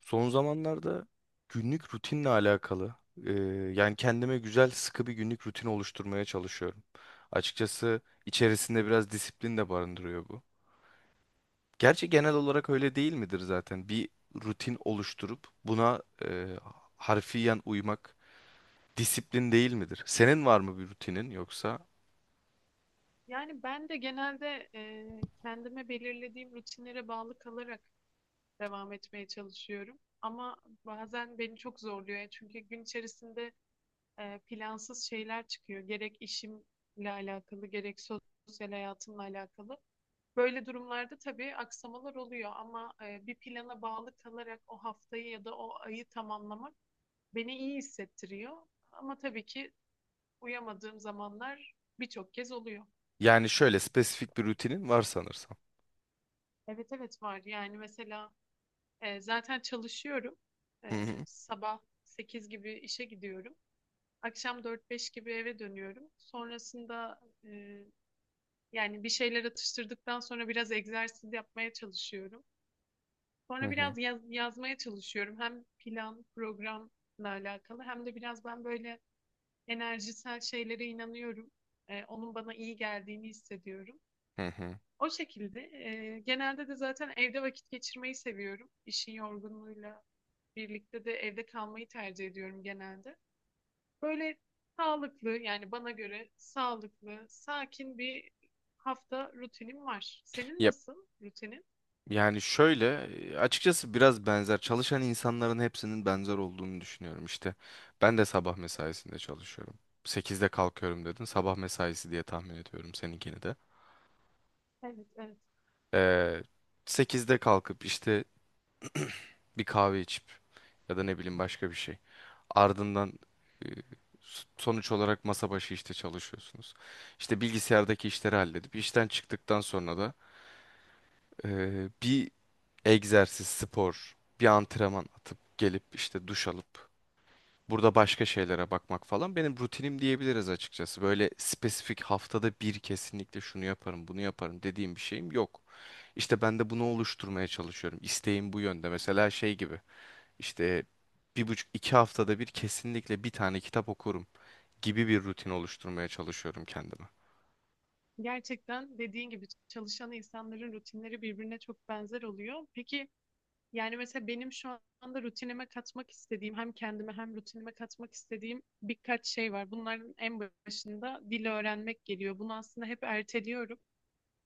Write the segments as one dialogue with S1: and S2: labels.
S1: Son zamanlarda günlük rutinle alakalı. e, Yani kendime güzel sıkı bir günlük rutin oluşturmaya çalışıyorum. Açıkçası içerisinde biraz disiplin de barındırıyor bu. Gerçi genel olarak öyle değil midir zaten? Bir rutin oluşturup buna harfiyen uymak disiplin değil midir? Senin var mı bir rutinin yoksa?
S2: Yani ben de genelde kendime belirlediğim rutinlere bağlı kalarak devam etmeye çalışıyorum. Ama bazen beni çok zorluyor. Yani çünkü gün içerisinde plansız şeyler çıkıyor. Gerek işimle alakalı, gerek sosyal hayatımla alakalı. Böyle durumlarda tabii aksamalar oluyor ama bir plana bağlı kalarak o haftayı ya da o ayı tamamlamak beni iyi hissettiriyor. Ama tabii ki uyamadığım zamanlar birçok kez oluyor.
S1: Yani şöyle spesifik bir rutinin var sanırsam.
S2: Evet, evet, var. Yani mesela zaten çalışıyorum.
S1: Hı
S2: E,
S1: hı.
S2: sabah 8 gibi işe gidiyorum. Akşam 4-5 gibi eve dönüyorum. Sonrasında e, yani bir şeyler atıştırdıktan sonra biraz egzersiz yapmaya çalışıyorum.
S1: Hı
S2: Sonra
S1: hı.
S2: biraz yazmaya çalışıyorum. Hem plan, programla alakalı hem de biraz ben böyle enerjisel şeylere inanıyorum. Onun bana iyi geldiğini hissediyorum.
S1: Hı hı.
S2: O şekilde. Genelde de zaten evde vakit geçirmeyi seviyorum. İşin yorgunluğuyla birlikte de evde kalmayı tercih ediyorum genelde. Böyle sağlıklı yani bana göre sağlıklı, sakin bir hafta rutinim var. Senin
S1: Ya
S2: nasıl rutinin?
S1: Yani şöyle açıkçası biraz benzer çalışan insanların hepsinin benzer olduğunu düşünüyorum işte. Ben de sabah mesaisinde çalışıyorum. Sekizde kalkıyorum dedin. Sabah mesaisi diye tahmin ediyorum seninkini de.
S2: Evet, evet.
S1: Ee, 8'de kalkıp işte bir kahve içip ya da ne bileyim başka bir şey. Ardından e, sonuç olarak masa başı işte çalışıyorsunuz. İşte bilgisayardaki işleri halledip işten çıktıktan sonra da bir egzersiz, spor, bir antrenman atıp gelip işte duş alıp burada başka şeylere bakmak falan benim rutinim diyebiliriz açıkçası. Böyle spesifik haftada bir kesinlikle şunu yaparım, bunu yaparım dediğim bir şeyim yok. İşte ben de bunu oluşturmaya çalışıyorum. İsteğim bu yönde. Mesela şey gibi işte bir buçuk iki haftada bir kesinlikle bir tane kitap okurum gibi bir rutin oluşturmaya çalışıyorum kendime.
S2: Gerçekten dediğin gibi çalışan insanların rutinleri birbirine çok benzer oluyor. Peki yani mesela benim şu anda rutinime katmak istediğim hem kendime hem rutinime katmak istediğim birkaç şey var. Bunların en başında dil öğrenmek geliyor. Bunu aslında hep erteliyorum.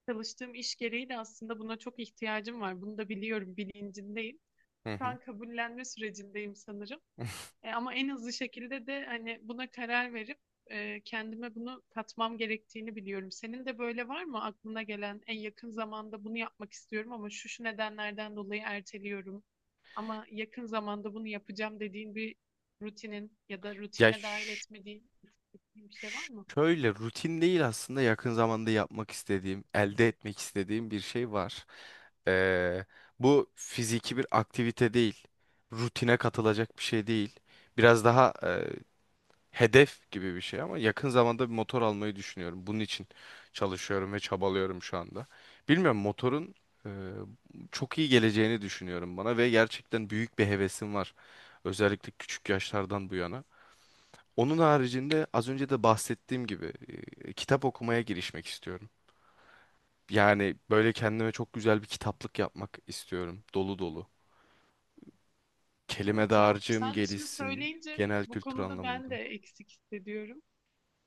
S2: Çalıştığım iş gereği de aslında buna çok ihtiyacım var. Bunu da biliyorum, bilincindeyim.
S1: Hı
S2: Şu
S1: hı.
S2: an kabullenme sürecindeyim sanırım. Ama en hızlı şekilde de hani buna karar verip kendime bunu katmam gerektiğini biliyorum. Senin de böyle var mı aklına gelen en yakın zamanda bunu yapmak istiyorum ama şu şu nedenlerden dolayı erteliyorum. Ama yakın zamanda bunu yapacağım dediğin bir rutinin ya da
S1: Ya
S2: rutinine dahil etmediğin bir şey var mı?
S1: Şöyle rutin değil aslında yakın zamanda yapmak istediğim, elde etmek istediğim bir şey var. Ee, Bu fiziki bir aktivite değil, rutine katılacak bir şey değil. Biraz daha hedef gibi bir şey ama yakın zamanda bir motor almayı düşünüyorum. Bunun için çalışıyorum ve çabalıyorum şu anda. Bilmiyorum motorun e, çok iyi geleceğini düşünüyorum bana ve gerçekten büyük bir hevesim var. Özellikle küçük yaşlardan bu yana. Onun haricinde az önce de bahsettiğim gibi kitap okumaya girişmek istiyorum. Yani böyle kendime çok güzel bir kitaplık yapmak istiyorum. Dolu dolu. Kelime
S2: Evet ya
S1: dağarcığım
S2: sen şimdi
S1: gelişsin
S2: söyleyince
S1: genel
S2: bu
S1: kültür
S2: konuda ben de
S1: anlamında.
S2: eksik hissediyorum.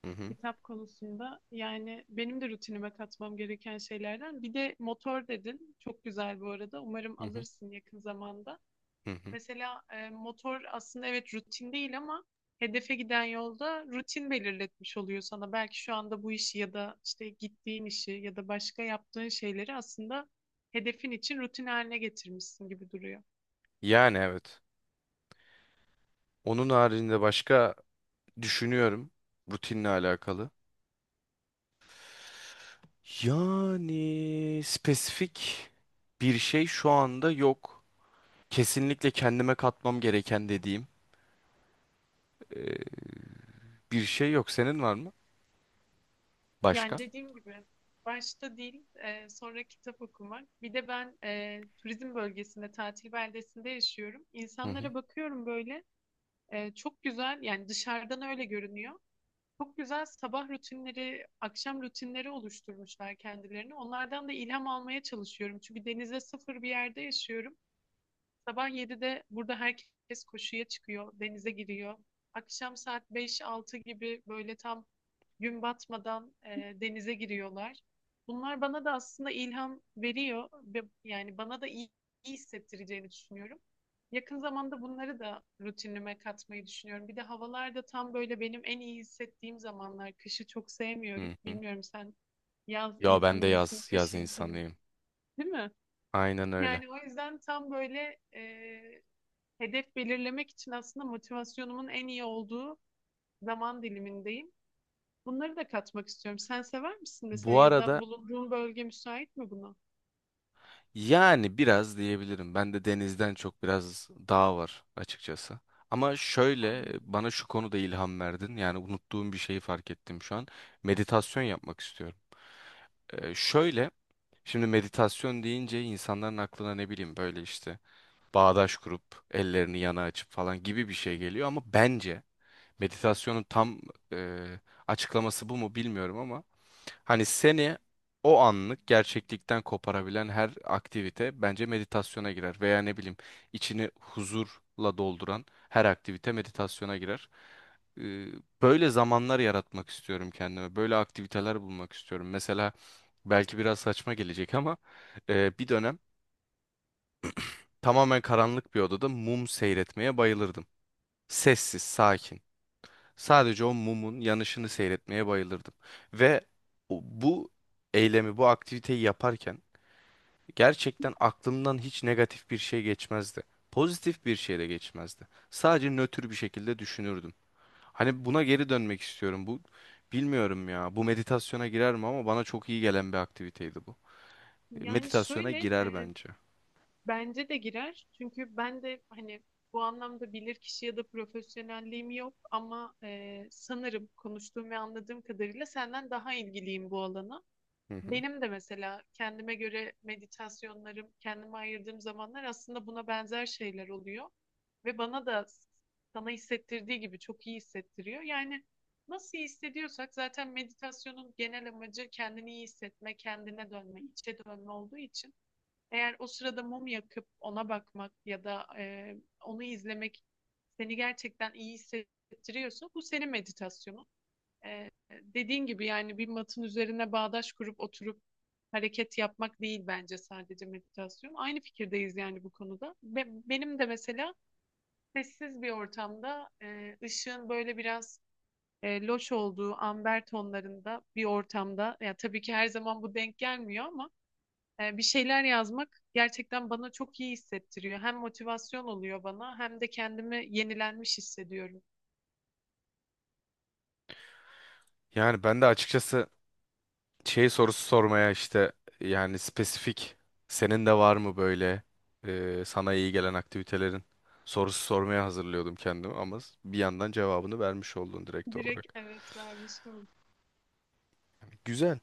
S1: Hı hı,
S2: Kitap konusunda yani benim de rutinime katmam gereken şeylerden. Bir de motor dedin. Çok güzel bu arada. Umarım
S1: hı hı,
S2: alırsın yakın zamanda.
S1: hı hı.
S2: Mesela motor aslında evet rutin değil ama hedefe giden yolda rutin belirletmiş oluyor sana. Belki şu anda bu işi ya da işte gittiğin işi ya da başka yaptığın şeyleri aslında hedefin için rutin haline getirmişsin gibi duruyor.
S1: Yani evet. Onun haricinde başka düşünüyorum rutinle alakalı. Yani spesifik bir şey şu anda yok. Kesinlikle kendime katmam gereken dediğim e, bir şey yok. Senin var mı? Başka?
S2: Yani dediğim gibi başta değil sonra kitap okumak. Bir de ben turizm bölgesinde tatil beldesinde yaşıyorum.
S1: Hı hı.
S2: İnsanlara bakıyorum böyle çok güzel yani dışarıdan öyle görünüyor. Çok güzel sabah rutinleri, akşam rutinleri oluşturmuşlar kendilerini. Onlardan da ilham almaya çalışıyorum. Çünkü denize sıfır bir yerde yaşıyorum. Sabah 7'de burada herkes koşuya çıkıyor, denize giriyor. Akşam saat 5-6 gibi böyle tam gün batmadan denize giriyorlar. Bunlar bana da aslında ilham veriyor ve yani bana da iyi, iyi hissettireceğini düşünüyorum. Yakın zamanda bunları da rutinime katmayı düşünüyorum. Bir de havalar da tam böyle benim en iyi hissettiğim zamanlar. Kışı çok
S1: Hı
S2: sevmiyorum.
S1: hı.
S2: Bilmiyorum sen yaz
S1: Ya ben de
S2: insanı mısın,
S1: yaz
S2: kış insanı mısın,
S1: insanıyım.
S2: değil mi?
S1: Aynen öyle.
S2: Yani o yüzden tam böyle hedef belirlemek için aslında motivasyonumun en iyi olduğu zaman dilimindeyim. Bunları da katmak istiyorum. Sen sever misin mesela
S1: Bu
S2: ya da
S1: arada
S2: bulunduğun bölge müsait mi buna?
S1: yani biraz diyebilirim. Ben de denizden çok biraz dağ var açıkçası. Ama şöyle
S2: Anladım.
S1: bana şu konuda ilham verdin. Yani unuttuğum bir şeyi fark ettim şu an. Meditasyon yapmak istiyorum. Şöyle şimdi meditasyon deyince insanların aklına ne bileyim böyle işte bağdaş kurup ellerini yana açıp falan gibi bir şey geliyor ama bence meditasyonun tam e, açıklaması bu mu bilmiyorum ama hani seni o anlık gerçeklikten koparabilen her aktivite bence meditasyona girer. Veya ne bileyim içini huzurla dolduran her aktivite meditasyona girer. Ee, Böyle zamanlar yaratmak istiyorum kendime. Böyle aktiviteler bulmak istiyorum. Mesela belki biraz saçma gelecek ama bir dönem tamamen karanlık bir odada mum seyretmeye bayılırdım. Sessiz, sakin. Sadece o mumun yanışını seyretmeye bayılırdım. Ve bu eylemi, bu aktiviteyi yaparken gerçekten aklımdan hiç negatif bir şey geçmezdi. Pozitif bir şey de geçmezdi. Sadece nötr bir şekilde düşünürdüm. Hani buna geri dönmek istiyorum. Bu bilmiyorum ya. Bu meditasyona girer mi ama bana çok iyi gelen bir aktiviteydi bu.
S2: Yani
S1: Meditasyona
S2: şöyle
S1: girer bence.
S2: bence de girer. Çünkü ben de hani bu anlamda bilirkişi ya da profesyonelliğim yok ama sanırım konuştuğum ve anladığım kadarıyla senden daha ilgiliyim bu alana.
S1: Hı hı.
S2: Benim de mesela kendime göre meditasyonlarım, kendime ayırdığım zamanlar aslında buna benzer şeyler oluyor. Ve bana da sana hissettirdiği gibi çok iyi hissettiriyor. Yani nasıl iyi hissediyorsak zaten meditasyonun genel amacı kendini iyi hissetme, kendine dönme, içe dönme olduğu için eğer o sırada mum yakıp ona bakmak ya da onu izlemek seni gerçekten iyi hissettiriyorsa bu senin meditasyonun. Ee, dediğin gibi yani bir matın üzerine bağdaş kurup oturup hareket yapmak değil bence sadece meditasyon. Aynı fikirdeyiz yani bu konuda. Benim de mesela sessiz bir ortamda ışığın böyle biraz loş olduğu amber tonlarında bir ortamda ya tabii ki her zaman bu denk gelmiyor ama bir şeyler yazmak gerçekten bana çok iyi hissettiriyor. Hem motivasyon oluyor bana hem de kendimi yenilenmiş hissediyorum.
S1: Yani ben de açıkçası şey sorusu sormaya işte yani spesifik senin de var mı böyle sana iyi gelen aktivitelerin sorusu sormaya hazırlıyordum kendimi ama bir yandan cevabını vermiş oldun direkt
S2: Direkt
S1: olarak.
S2: evet vermiş oldum.
S1: Güzel.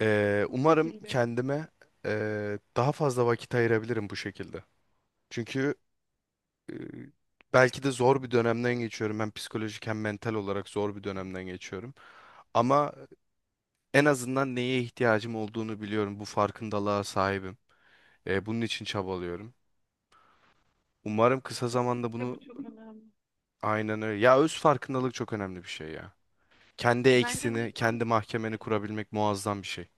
S2: Bu
S1: Umarım
S2: şekilde.
S1: kendime daha fazla vakit ayırabilirim bu şekilde. Çünkü belki de zor bir dönemden geçiyorum. Hem psikolojik hem mental olarak zor bir dönemden geçiyorum. Ama en azından neye ihtiyacım olduğunu biliyorum. Bu farkındalığa sahibim. Bunun için çabalıyorum. Umarım kısa zamanda
S2: Kesinlikle
S1: bunu
S2: bu çok önemli.
S1: aynen öyle. Ya öz farkındalık çok önemli bir şey ya. Kendi
S2: Bence
S1: eksini,
S2: zaten
S1: kendi mahkemeni kurabilmek muazzam bir şey.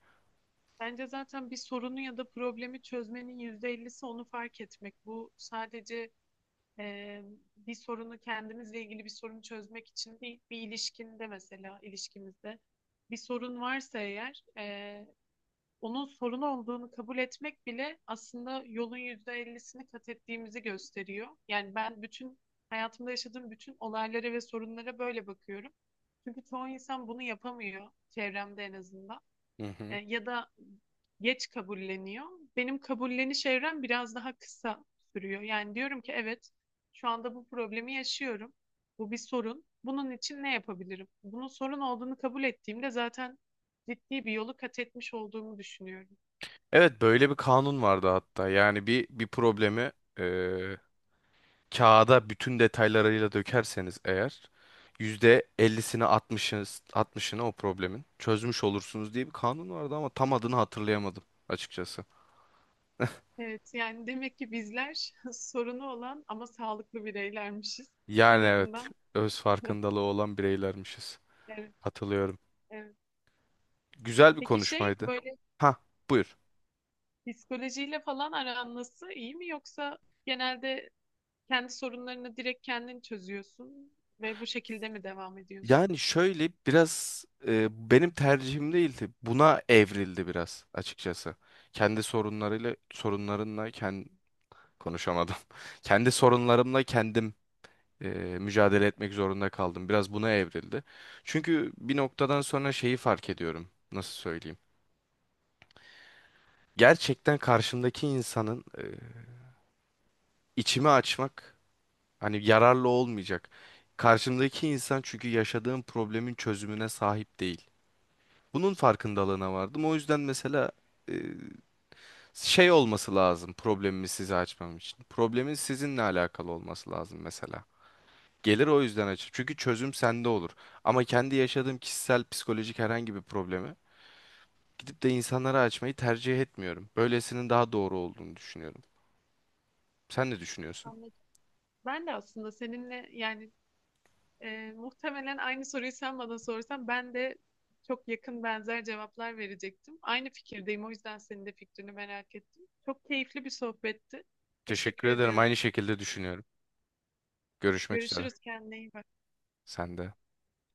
S2: bence zaten bir sorunu ya da problemi çözmenin %50'si onu fark etmek. Bu sadece e, bir sorunu kendimizle ilgili bir sorunu çözmek için değil, bir ilişkinde mesela ilişkimizde bir sorun varsa eğer onun sorun olduğunu kabul etmek bile aslında yolun %50'sini kat ettiğimizi gösteriyor. Yani ben bütün hayatımda yaşadığım bütün olaylara ve sorunlara böyle bakıyorum. Çünkü çoğu insan bunu yapamıyor çevremde en azından.
S1: Hı
S2: E,
S1: hı.
S2: ya da geç kabulleniyor. Benim kabulleniş evrem biraz daha kısa sürüyor. Yani diyorum ki evet şu anda bu problemi yaşıyorum. Bu bir sorun. Bunun için ne yapabilirim? Bunun sorun olduğunu kabul ettiğimde zaten ciddi bir yolu kat etmiş olduğumu düşünüyorum.
S1: Evet böyle bir kanun vardı hatta. Yani bir problemi eee, kağıda bütün detaylarıyla dökerseniz eğer %50'sini 60'ını o problemin çözmüş olursunuz diye bir kanun vardı ama tam adını hatırlayamadım açıkçası.
S2: Evet yani demek ki bizler sorunu olan ama sağlıklı bireylermişiz. En
S1: Yani evet
S2: azından
S1: öz farkındalığı olan bireylermişiz.
S2: evet,
S1: Hatırlıyorum.
S2: evet.
S1: Güzel bir
S2: Peki şey
S1: konuşmaydı.
S2: böyle
S1: Ha, buyur.
S2: psikolojiyle falan aran nasıl? İyi mi yoksa genelde kendi sorunlarını direkt kendin çözüyorsun ve bu şekilde mi devam ediyorsun?
S1: Yani şöyle biraz benim tercihim değildi. Buna evrildi biraz açıkçası. Kendi sorunlarıyla Sorunlarınla kendi konuşamadım. Kendi sorunlarımla kendim e, mücadele etmek zorunda kaldım. Biraz buna evrildi. Çünkü bir noktadan sonra şeyi fark ediyorum. Nasıl söyleyeyim? Gerçekten karşımdaki insanın içimi açmak hani yararlı olmayacak. Karşımdaki insan çünkü yaşadığım problemin çözümüne sahip değil. Bunun farkındalığına vardım. O yüzden mesela e, şey olması lazım problemimi size açmam için. Problemin sizinle alakalı olması lazım mesela. Gelir o yüzden açık. Çünkü çözüm sende olur. Ama kendi yaşadığım kişisel psikolojik herhangi bir problemi gidip de insanlara açmayı tercih etmiyorum. Böylesinin daha doğru olduğunu düşünüyorum. Sen ne düşünüyorsun?
S2: Anladım. Ben de aslında seninle yani muhtemelen aynı soruyu sen bana sorsan ben de çok yakın benzer cevaplar verecektim. Aynı fikirdeyim o yüzden senin de fikrini merak ettim. Çok keyifli bir sohbetti.
S1: Teşekkür
S2: Teşekkür
S1: ederim.
S2: ediyorum.
S1: Aynı şekilde düşünüyorum. Görüşmek üzere.
S2: Görüşürüz kendine iyi bak.
S1: Sen de.